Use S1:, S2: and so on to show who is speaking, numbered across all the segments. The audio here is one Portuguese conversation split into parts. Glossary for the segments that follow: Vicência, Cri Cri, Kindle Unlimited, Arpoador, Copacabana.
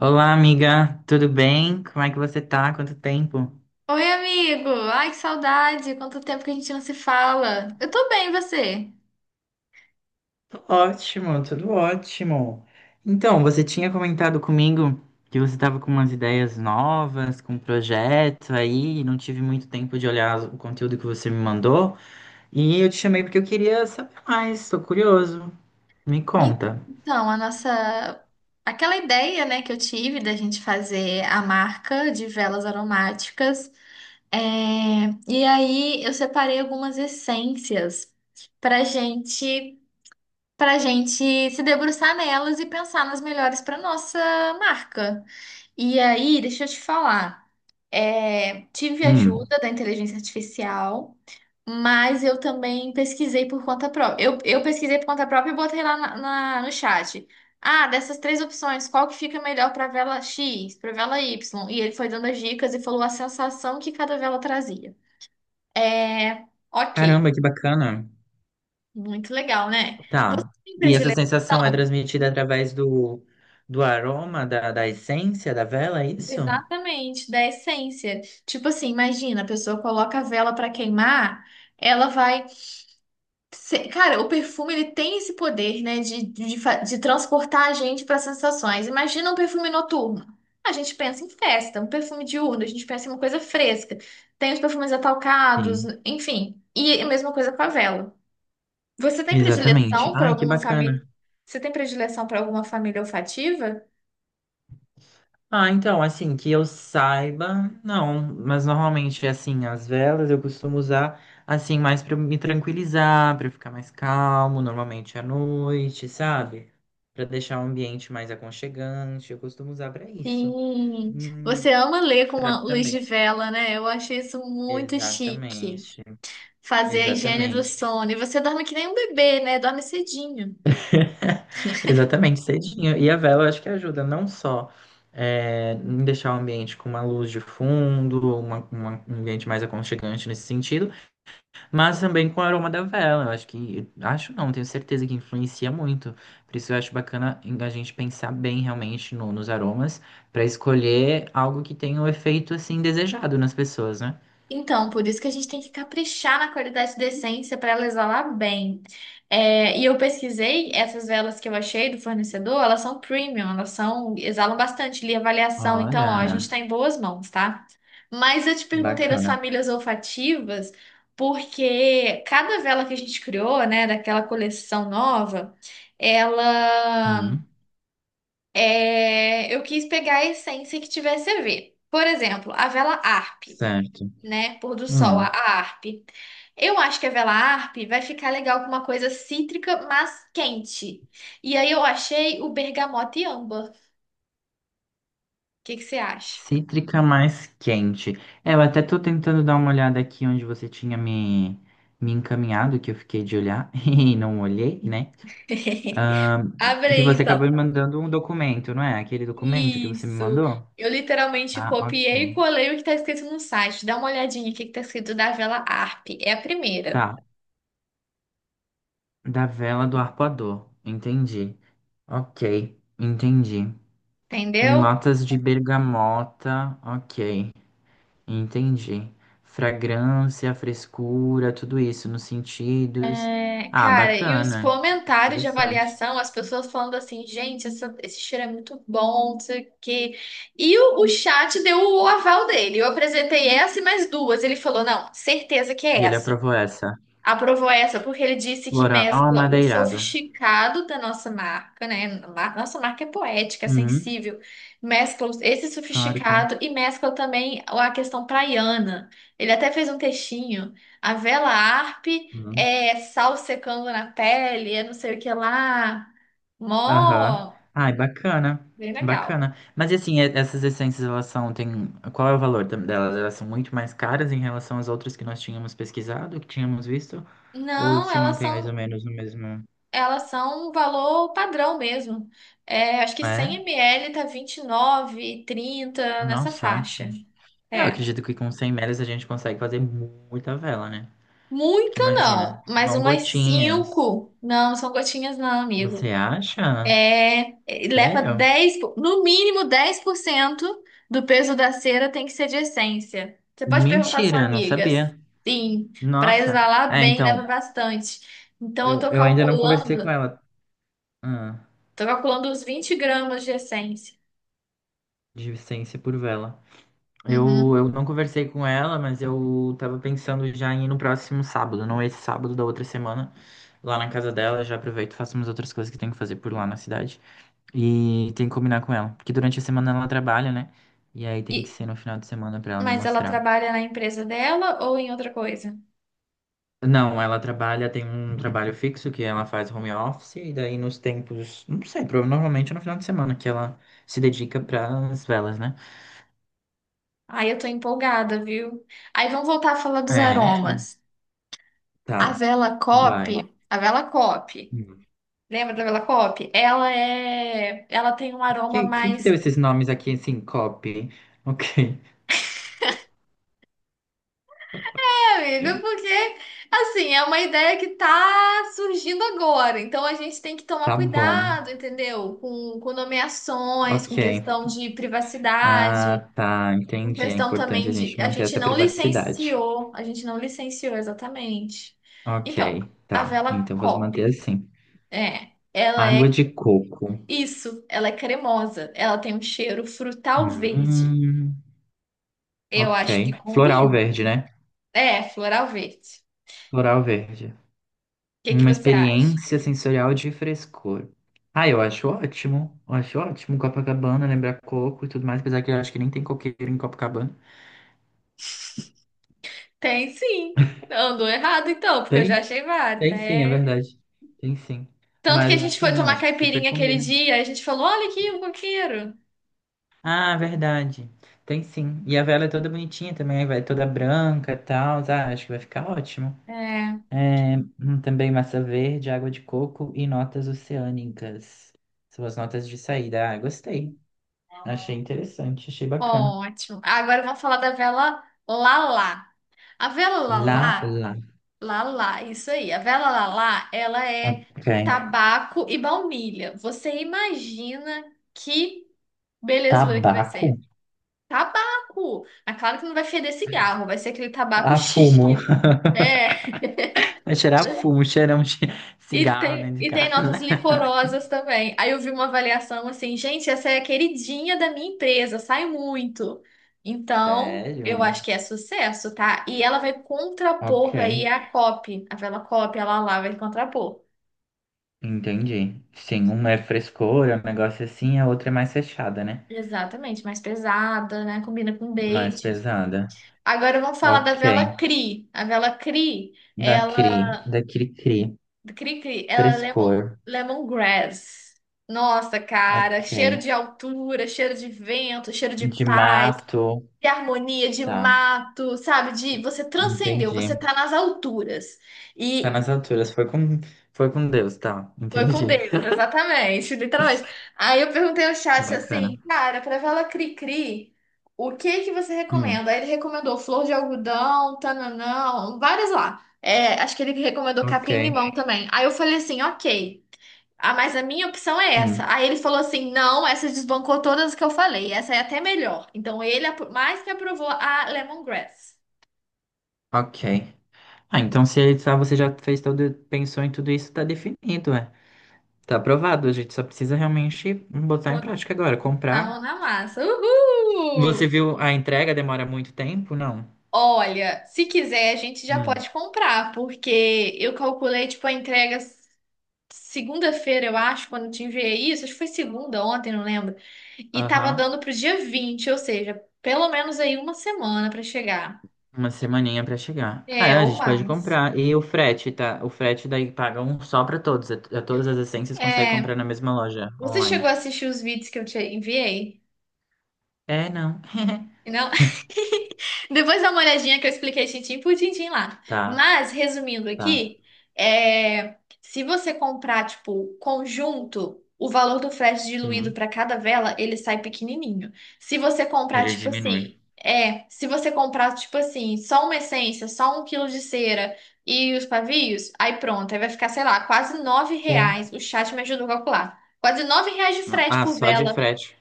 S1: Olá, amiga, tudo bem? Como é que você tá? Quanto tempo?
S2: Oi, amigo! Ai, que saudade! Quanto tempo que a gente não se fala. Eu tô bem, e você?
S1: Tô ótimo, tudo ótimo. Então, você tinha comentado comigo que você estava com umas ideias novas, com um projeto aí, e não tive muito tempo de olhar o conteúdo que você me mandou, e eu te chamei porque eu queria saber mais, tô curioso. Me
S2: E-
S1: conta.
S2: Então, a nossa... Aquela ideia, né, que eu tive da gente fazer a marca de velas aromáticas. é, E aí, eu separei algumas essências pra gente... pra gente se debruçar nelas e pensar nas melhores pra nossa marca. E aí, deixa eu te falar. É, tive
S1: Hum.
S2: ajuda da inteligência artificial, mas eu também pesquisei por conta própria. Eu pesquisei por conta própria e botei lá no chat. Ah, dessas três opções, qual que fica melhor para vela X, para vela Y? E ele foi dando as dicas e falou a sensação que cada vela trazia. É, ok,
S1: Caramba, que bacana.
S2: muito legal, né? Você
S1: Tá.
S2: tem
S1: E essa sensação é
S2: predileção?
S1: transmitida através do aroma, da essência da vela, é isso?
S2: Exatamente, da essência. Tipo assim, imagina, a pessoa coloca a vela pra queimar, ela vai. Cara, o perfume ele tem esse poder, né, de transportar a gente para sensações. Imagina um perfume noturno. A gente pensa em festa, um perfume diurno, a gente pensa em uma coisa fresca. Tem os perfumes atalcados,
S1: Sim.
S2: enfim. E a mesma coisa com a vela. Você tem
S1: Exatamente.
S2: predileção para
S1: Ai, que
S2: alguma família?
S1: bacana.
S2: Você tem predileção para alguma família olfativa?
S1: Ah, então, assim, que eu saiba, não, mas normalmente, assim, as velas eu costumo usar, assim, mais pra me tranquilizar, pra eu ficar mais calmo, normalmente à noite, sabe? Pra deixar o ambiente mais aconchegante, eu costumo usar pra isso.
S2: Sim,
S1: Hum,
S2: você ama ler com uma luz de
S1: também.
S2: vela, né? Eu acho isso muito chique.
S1: Exatamente,
S2: Fazer a higiene do
S1: exatamente.
S2: sono. E você dorme que nem um bebê, né? Dorme cedinho.
S1: Exatamente, cedinho. E a vela acho que ajuda não só em deixar o ambiente com uma luz de fundo, um ambiente mais aconchegante nesse sentido, mas também com o aroma da vela. Eu acho que, acho não, tenho certeza que influencia muito. Por isso eu acho bacana a gente pensar bem realmente nos aromas para escolher algo que tenha o efeito assim desejado nas pessoas, né?
S2: Então, por isso que a gente tem que caprichar na qualidade de essência para ela exalar bem. É, e eu pesquisei essas velas que eu achei do fornecedor, elas são premium, elas são, exalam bastante, li a avaliação, então, ó, a gente
S1: Olha,
S2: está em boas mãos, tá? Mas eu te perguntei das
S1: bacana.
S2: famílias olfativas, porque cada vela que a gente criou, né, daquela coleção nova, ela
S1: Hum,
S2: eu quis pegar a essência que tivesse a ver. Por exemplo, a vela ARP,
S1: certo.
S2: né? Pôr do sol,
S1: Hum.
S2: a harpe. Eu acho que a vela harpe vai ficar legal com uma coisa cítrica, mas quente. E aí eu achei o bergamota e âmbar. O que que você acha?
S1: Cítrica mais quente. É, eu até tô tentando dar uma olhada aqui onde você tinha me encaminhado, que eu fiquei de olhar e não olhei, né? Ahn, que
S2: Abre
S1: você
S2: então.
S1: acabou me mandando um documento, não é? Aquele documento que você me
S2: Isso.
S1: mandou?
S2: Eu literalmente
S1: Ah,
S2: copiei e
S1: ok.
S2: colei o que tá escrito no site. Dá uma olhadinha o que que tá escrito da vela harpe. É a primeira,
S1: Tá. Da vela do arpoador. Entendi. Ok. Entendi.
S2: entendeu?
S1: Notas de bergamota. Ok. Entendi. Fragrância, frescura, tudo isso nos sentidos.
S2: É,
S1: Ah,
S2: cara, e os
S1: bacana.
S2: comentários de
S1: Interessante.
S2: avaliação, as pessoas falando assim, gente, esse cheiro é muito bom, não sei o quê. E o chat deu o aval dele. Eu apresentei essa e mais duas. Ele falou, não, certeza que é
S1: E ele
S2: essa.
S1: aprovou essa.
S2: Aprovou essa porque ele disse que
S1: Floral
S2: mescla o
S1: amadeirado.
S2: sofisticado da nossa marca, né? Nossa marca é poética, é
S1: Hum,
S2: sensível. Mescla esse
S1: claro, claro.
S2: sofisticado e mescla também a questão praiana. Ele até fez um textinho. A vela Arp
S1: Hum.
S2: é sal secando na pele, é não sei o que lá.
S1: Aham.
S2: Mó,
S1: Ai, bacana.
S2: bem legal.
S1: Bacana. Mas e assim, essas essências, elas são, tem... Qual é o valor delas? Elas são muito mais caras em relação às outras que nós tínhamos pesquisado, que tínhamos visto? Ou
S2: Não,
S1: se
S2: elas
S1: mantém mais ou
S2: são
S1: menos no mesmo...
S2: Elas são um valor padrão mesmo. É, acho que
S1: É?
S2: 100 ml tá 29, 30 nessa
S1: Nossa,
S2: faixa.
S1: ótimo. Eu
S2: É.
S1: acredito que com 100 metros a gente consegue fazer muita vela, né? Porque
S2: Muita
S1: imagina,
S2: não, mas
S1: vão
S2: umas
S1: gotinhas.
S2: 5. Não, são gotinhas não, amigo.
S1: Você acha?
S2: É, leva
S1: Sério?
S2: 10, no mínimo 10% do peso da cera tem que ser de essência. Você pode perguntar à sua
S1: Mentira, não
S2: amiga.
S1: sabia.
S2: Sim, para
S1: Nossa,
S2: exalar
S1: é,
S2: bem leva
S1: então,
S2: bastante. Então eu tô
S1: eu ainda não conversei com
S2: calculando,
S1: ela, ah,
S2: Tô calculando os 20 gramas de essência.
S1: de Vicência por vela.
S2: Uhum.
S1: Eu não conversei com ela, mas eu tava pensando já em ir no próximo sábado, não esse sábado da outra semana, lá na casa dela. Já aproveito e faço umas outras coisas que tenho que fazer por lá na cidade. E tem que combinar com ela. Porque durante a semana ela trabalha, né? E aí tem que
S2: E,
S1: ser no final de semana pra ela me
S2: mas ela
S1: mostrar.
S2: trabalha na empresa dela ou em outra coisa?
S1: Não, ela trabalha, tem um trabalho fixo que ela faz home office, e daí nos tempos, não sei, normalmente é no final de semana que ela se dedica pras velas, né?
S2: Aí eu tô empolgada, viu? Aí vamos voltar a falar dos
S1: É, então,
S2: aromas. A
S1: tá,
S2: vela Cope,
S1: vai.
S2: a vela Cope,
S1: Hum.
S2: lembra da vela Cope? Ela tem um aroma
S1: Quem que deu
S2: mais,
S1: esses nomes aqui, assim, copy? Ok,
S2: é, amigo, porque assim, é uma ideia que tá surgindo agora. Então a gente tem que tomar
S1: tá bom,
S2: cuidado, entendeu? Com nomeações, com
S1: ok.
S2: questão de privacidade.
S1: Ah, tá,
S2: Em
S1: entendi. É
S2: questão
S1: importante
S2: também
S1: a
S2: de
S1: gente
S2: a
S1: manter
S2: gente
S1: essa
S2: não
S1: privacidade.
S2: licenciou, a gente não licenciou exatamente. Então,
S1: Ok,
S2: a
S1: tá.
S2: vela
S1: Então vamos manter
S2: Cop,
S1: assim.
S2: é, ela
S1: Água
S2: é
S1: de coco.
S2: isso, ela é cremosa, ela tem um cheiro frutal verde.
S1: Hum,
S2: Eu acho que
S1: ok.
S2: combina.
S1: Floral verde, né?
S2: É, floral verde.
S1: Floral verde.
S2: O que que
S1: Uma
S2: você acha?
S1: experiência sensorial de frescor. Ah, eu acho ótimo. Eu acho ótimo. Copacabana, lembrar coco e tudo mais. Apesar que eu acho que nem tem coqueiro em Copacabana.
S2: Tem sim. Andou errado então, porque eu já
S1: Tem?
S2: achei vários,
S1: Tem sim, é
S2: né?
S1: verdade. Tem sim.
S2: Tanto que a
S1: Mas
S2: gente foi
S1: sim, eu
S2: tomar
S1: acho que super
S2: caipirinha aquele
S1: combina.
S2: dia, a gente falou, olha aqui, um coqueiro.
S1: Ah, verdade. Tem sim. E a vela é toda bonitinha também. Vai toda branca e tal. Ah, acho que vai ficar ótimo.
S2: É,
S1: É, também massa verde, água de coco e notas oceânicas. São as notas de saída. Ah, gostei. Achei interessante, achei bacana.
S2: ótimo. Agora vamos falar da vela Lala. A vela
S1: Lá,
S2: lalá,
S1: lá.
S2: lalá, isso aí. A vela lalá, ela é
S1: Ok.
S2: tabaco e baunilha. Você imagina que belezura que vai
S1: Tabaco?
S2: ser? Tabaco! Mas claro que não vai feder cigarro, vai ser aquele tabaco
S1: Ah, fumo.
S2: chique. É.
S1: Vai cheirar fumo, cheirão de
S2: E
S1: cigarro
S2: tem,
S1: dentro de
S2: e tem
S1: casa.
S2: notas licorosas também. Aí eu vi uma avaliação assim, gente, essa é a queridinha da minha empresa, sai muito. Então, eu
S1: Sério?
S2: acho que é sucesso, tá? E ela vai
S1: Ok.
S2: contrapor aí a copy, a vela copy, ela lá vai contrapor.
S1: Entendi. Sim, uma é frescura, um negócio assim, a outra é mais fechada, né?
S2: Exatamente, mais pesada, né? Combina com
S1: Mais
S2: date.
S1: pesada.
S2: Agora vamos falar da
S1: Ok.
S2: vela CRI. A vela CRI, ela
S1: Da Cri Cri.
S2: Do Cri-cri, ela é lemon,
S1: Frescor.
S2: lemongrass. Nossa, cara,
S1: Ok.
S2: cheiro de altura, cheiro de vento, cheiro de
S1: De
S2: paz,
S1: mato.
S2: de harmonia, de
S1: Tá.
S2: mato, sabe? De você transcendeu, você
S1: Entendi.
S2: tá nas alturas.
S1: Tá
S2: E
S1: nas alturas. Foi com Deus, tá.
S2: foi com
S1: Entendi.
S2: Deus, exatamente, literalmente. Aí eu perguntei ao chat
S1: Bacana.
S2: assim, cara, pra vela cri-cri, o que que você
S1: Hum,
S2: recomenda? Aí ele recomendou flor de algodão, tananão, várias lá. É, acho que ele recomendou
S1: ok.
S2: capim-limão também. Aí eu falei assim, ok. Ah, mas a minha opção é essa.
S1: Hum,
S2: Aí ele falou assim: não, essa desbancou todas as que eu falei. Essa é até melhor. Então mais que aprovou a Lemongrass.
S1: ok. Ah, então se ele- tá, você já fez todo, pensou em tudo isso, tá definido, é. Tá aprovado. A gente só precisa realmente botar em
S2: Botar
S1: prática agora,
S2: a mão
S1: comprar.
S2: na massa.
S1: Você
S2: Uhul!
S1: viu a entrega demora muito tempo? Não.
S2: Olha, se quiser, a gente já
S1: Hum.
S2: pode comprar, porque eu calculei, tipo, a entrega segunda-feira, eu acho, quando eu te enviei isso. Acho que foi segunda, ontem, não lembro. E tava
S1: Aham.
S2: dando pro dia 20, ou seja, pelo menos aí uma semana pra chegar.
S1: Uma semaninha pra chegar. Ah,
S2: É,
S1: é, a
S2: ou
S1: gente pode
S2: mais.
S1: comprar. E o frete, tá? O frete daí paga um só pra todos. A todas as essências consegue comprar
S2: É.
S1: na mesma loja
S2: Você
S1: online.
S2: chegou a assistir os vídeos que eu te enviei?
S1: É, não.
S2: Não? Depois dá uma olhadinha que eu expliquei tintim por tintim lá.
S1: Tá,
S2: Mas, resumindo
S1: tá.
S2: aqui, é, se você comprar, tipo, conjunto, o valor do frete diluído
S1: Hum,
S2: para cada vela, ele sai pequenininho. Se você comprar,
S1: ele
S2: tipo
S1: diminui.
S2: assim, é, Se você comprar, tipo assim, só uma essência, só um quilo de cera e os pavios, aí pronto, aí vai ficar, sei lá, quase nove
S1: Sim.
S2: reais. O chat me ajudou a calcular. Quase nove reais de frete
S1: Ah,
S2: por
S1: só de
S2: vela.
S1: frete.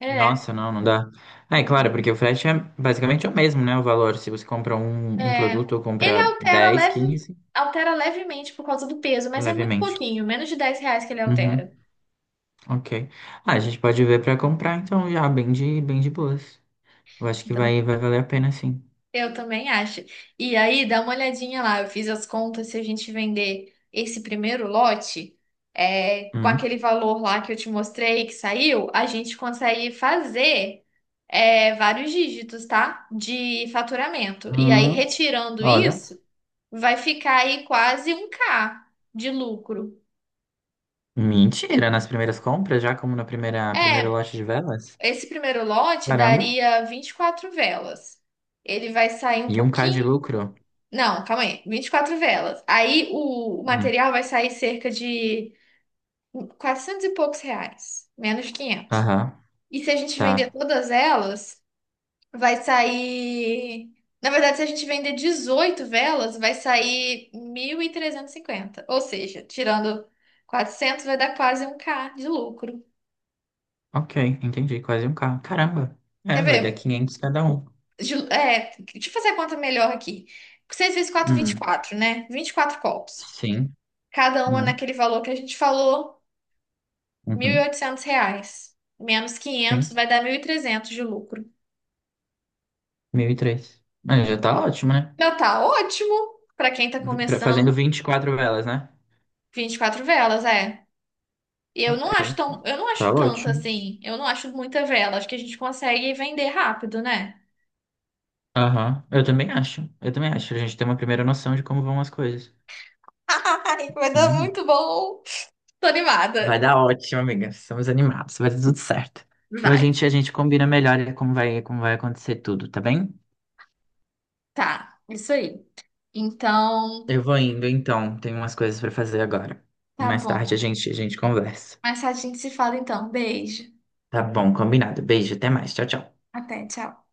S2: É.
S1: Nossa, não, não dá. É,
S2: Não
S1: claro,
S2: tá.
S1: porque o frete é basicamente o mesmo, né? O valor. Se você compra um
S2: É,
S1: produto ou
S2: Ele
S1: compra
S2: altera,
S1: 10 15
S2: altera levemente por causa do peso, mas é muito
S1: levemente.
S2: pouquinho, menos de 10 reais que ele altera.
S1: Uhum, ok. Ah, a gente pode ver pra comprar, então, já, bem de boas. Eu acho que
S2: Então,
S1: vai valer a pena, sim.
S2: eu também acho. E aí, dá uma olhadinha lá, eu fiz as contas, se a gente vender esse primeiro lote, é, com
S1: Hum,
S2: aquele valor lá que eu te mostrei, que saiu, a gente consegue fazer, é, vários dígitos, tá? De faturamento. E aí,
S1: hum,
S2: retirando
S1: olha,
S2: isso, vai ficar aí quase um k de lucro.
S1: mentira, nas primeiras compras, já como na primeira, primeiro
S2: É,
S1: lote de velas?
S2: esse primeiro lote
S1: Caramba,
S2: daria 24 velas. Ele vai sair um
S1: e um K de
S2: pouquinho.
S1: lucro?
S2: Não, calma aí. 24 velas. Aí o
S1: Hum,
S2: material vai sair cerca de 400 e poucos reais, menos de 500.
S1: aham,
S2: E se a gente vender
S1: tá,
S2: todas elas, vai sair. Na verdade, se a gente vender 18 velas, vai sair 1.350. Ou seja, tirando 400, vai dar quase um k de lucro.
S1: ok, entendi, quase um K, caramba,
S2: Quer
S1: é, vai
S2: ver?
S1: dar 500 cada um.
S2: É, deixa eu fazer a conta melhor aqui. seis vezes quatro vinte e
S1: Hum,
S2: quatro né? 24 copos.
S1: sim,
S2: Cada uma
S1: hum,
S2: naquele valor que a gente falou, mil e
S1: uhum,
S2: oitocentos reais. Menos 500
S1: sim,
S2: vai dar 1.300 de lucro.
S1: 1003 mas já tá ótimo, né?
S2: Já tá ótimo para quem tá
S1: Fazendo
S2: começando.
S1: 24 velas, né?
S2: 24 velas, é. E eu não acho
S1: Ok,
S2: tão, eu não
S1: tá
S2: acho tanto
S1: ótimo.
S2: assim. Eu não acho muita vela. Acho que a gente consegue vender rápido, né?
S1: Aham, eu também acho, a gente tem uma primeira noção de como vão as coisas.
S2: Ai, vai dar
S1: Uhum.
S2: muito bom. Tô
S1: Vai
S2: animada.
S1: dar ótimo, amiga. Estamos animados, vai dar tudo certo. Então
S2: Vai.
S1: a gente combina melhor como vai acontecer tudo, tá bem?
S2: Tá, isso aí. Então,
S1: Eu vou indo então, tenho umas coisas pra fazer agora.
S2: tá
S1: Mais tarde
S2: bom.
S1: a gente conversa.
S2: Mas a gente se fala então. Beijo.
S1: Tá bom, combinado. Beijo, até mais. Tchau, tchau.
S2: Até, tchau.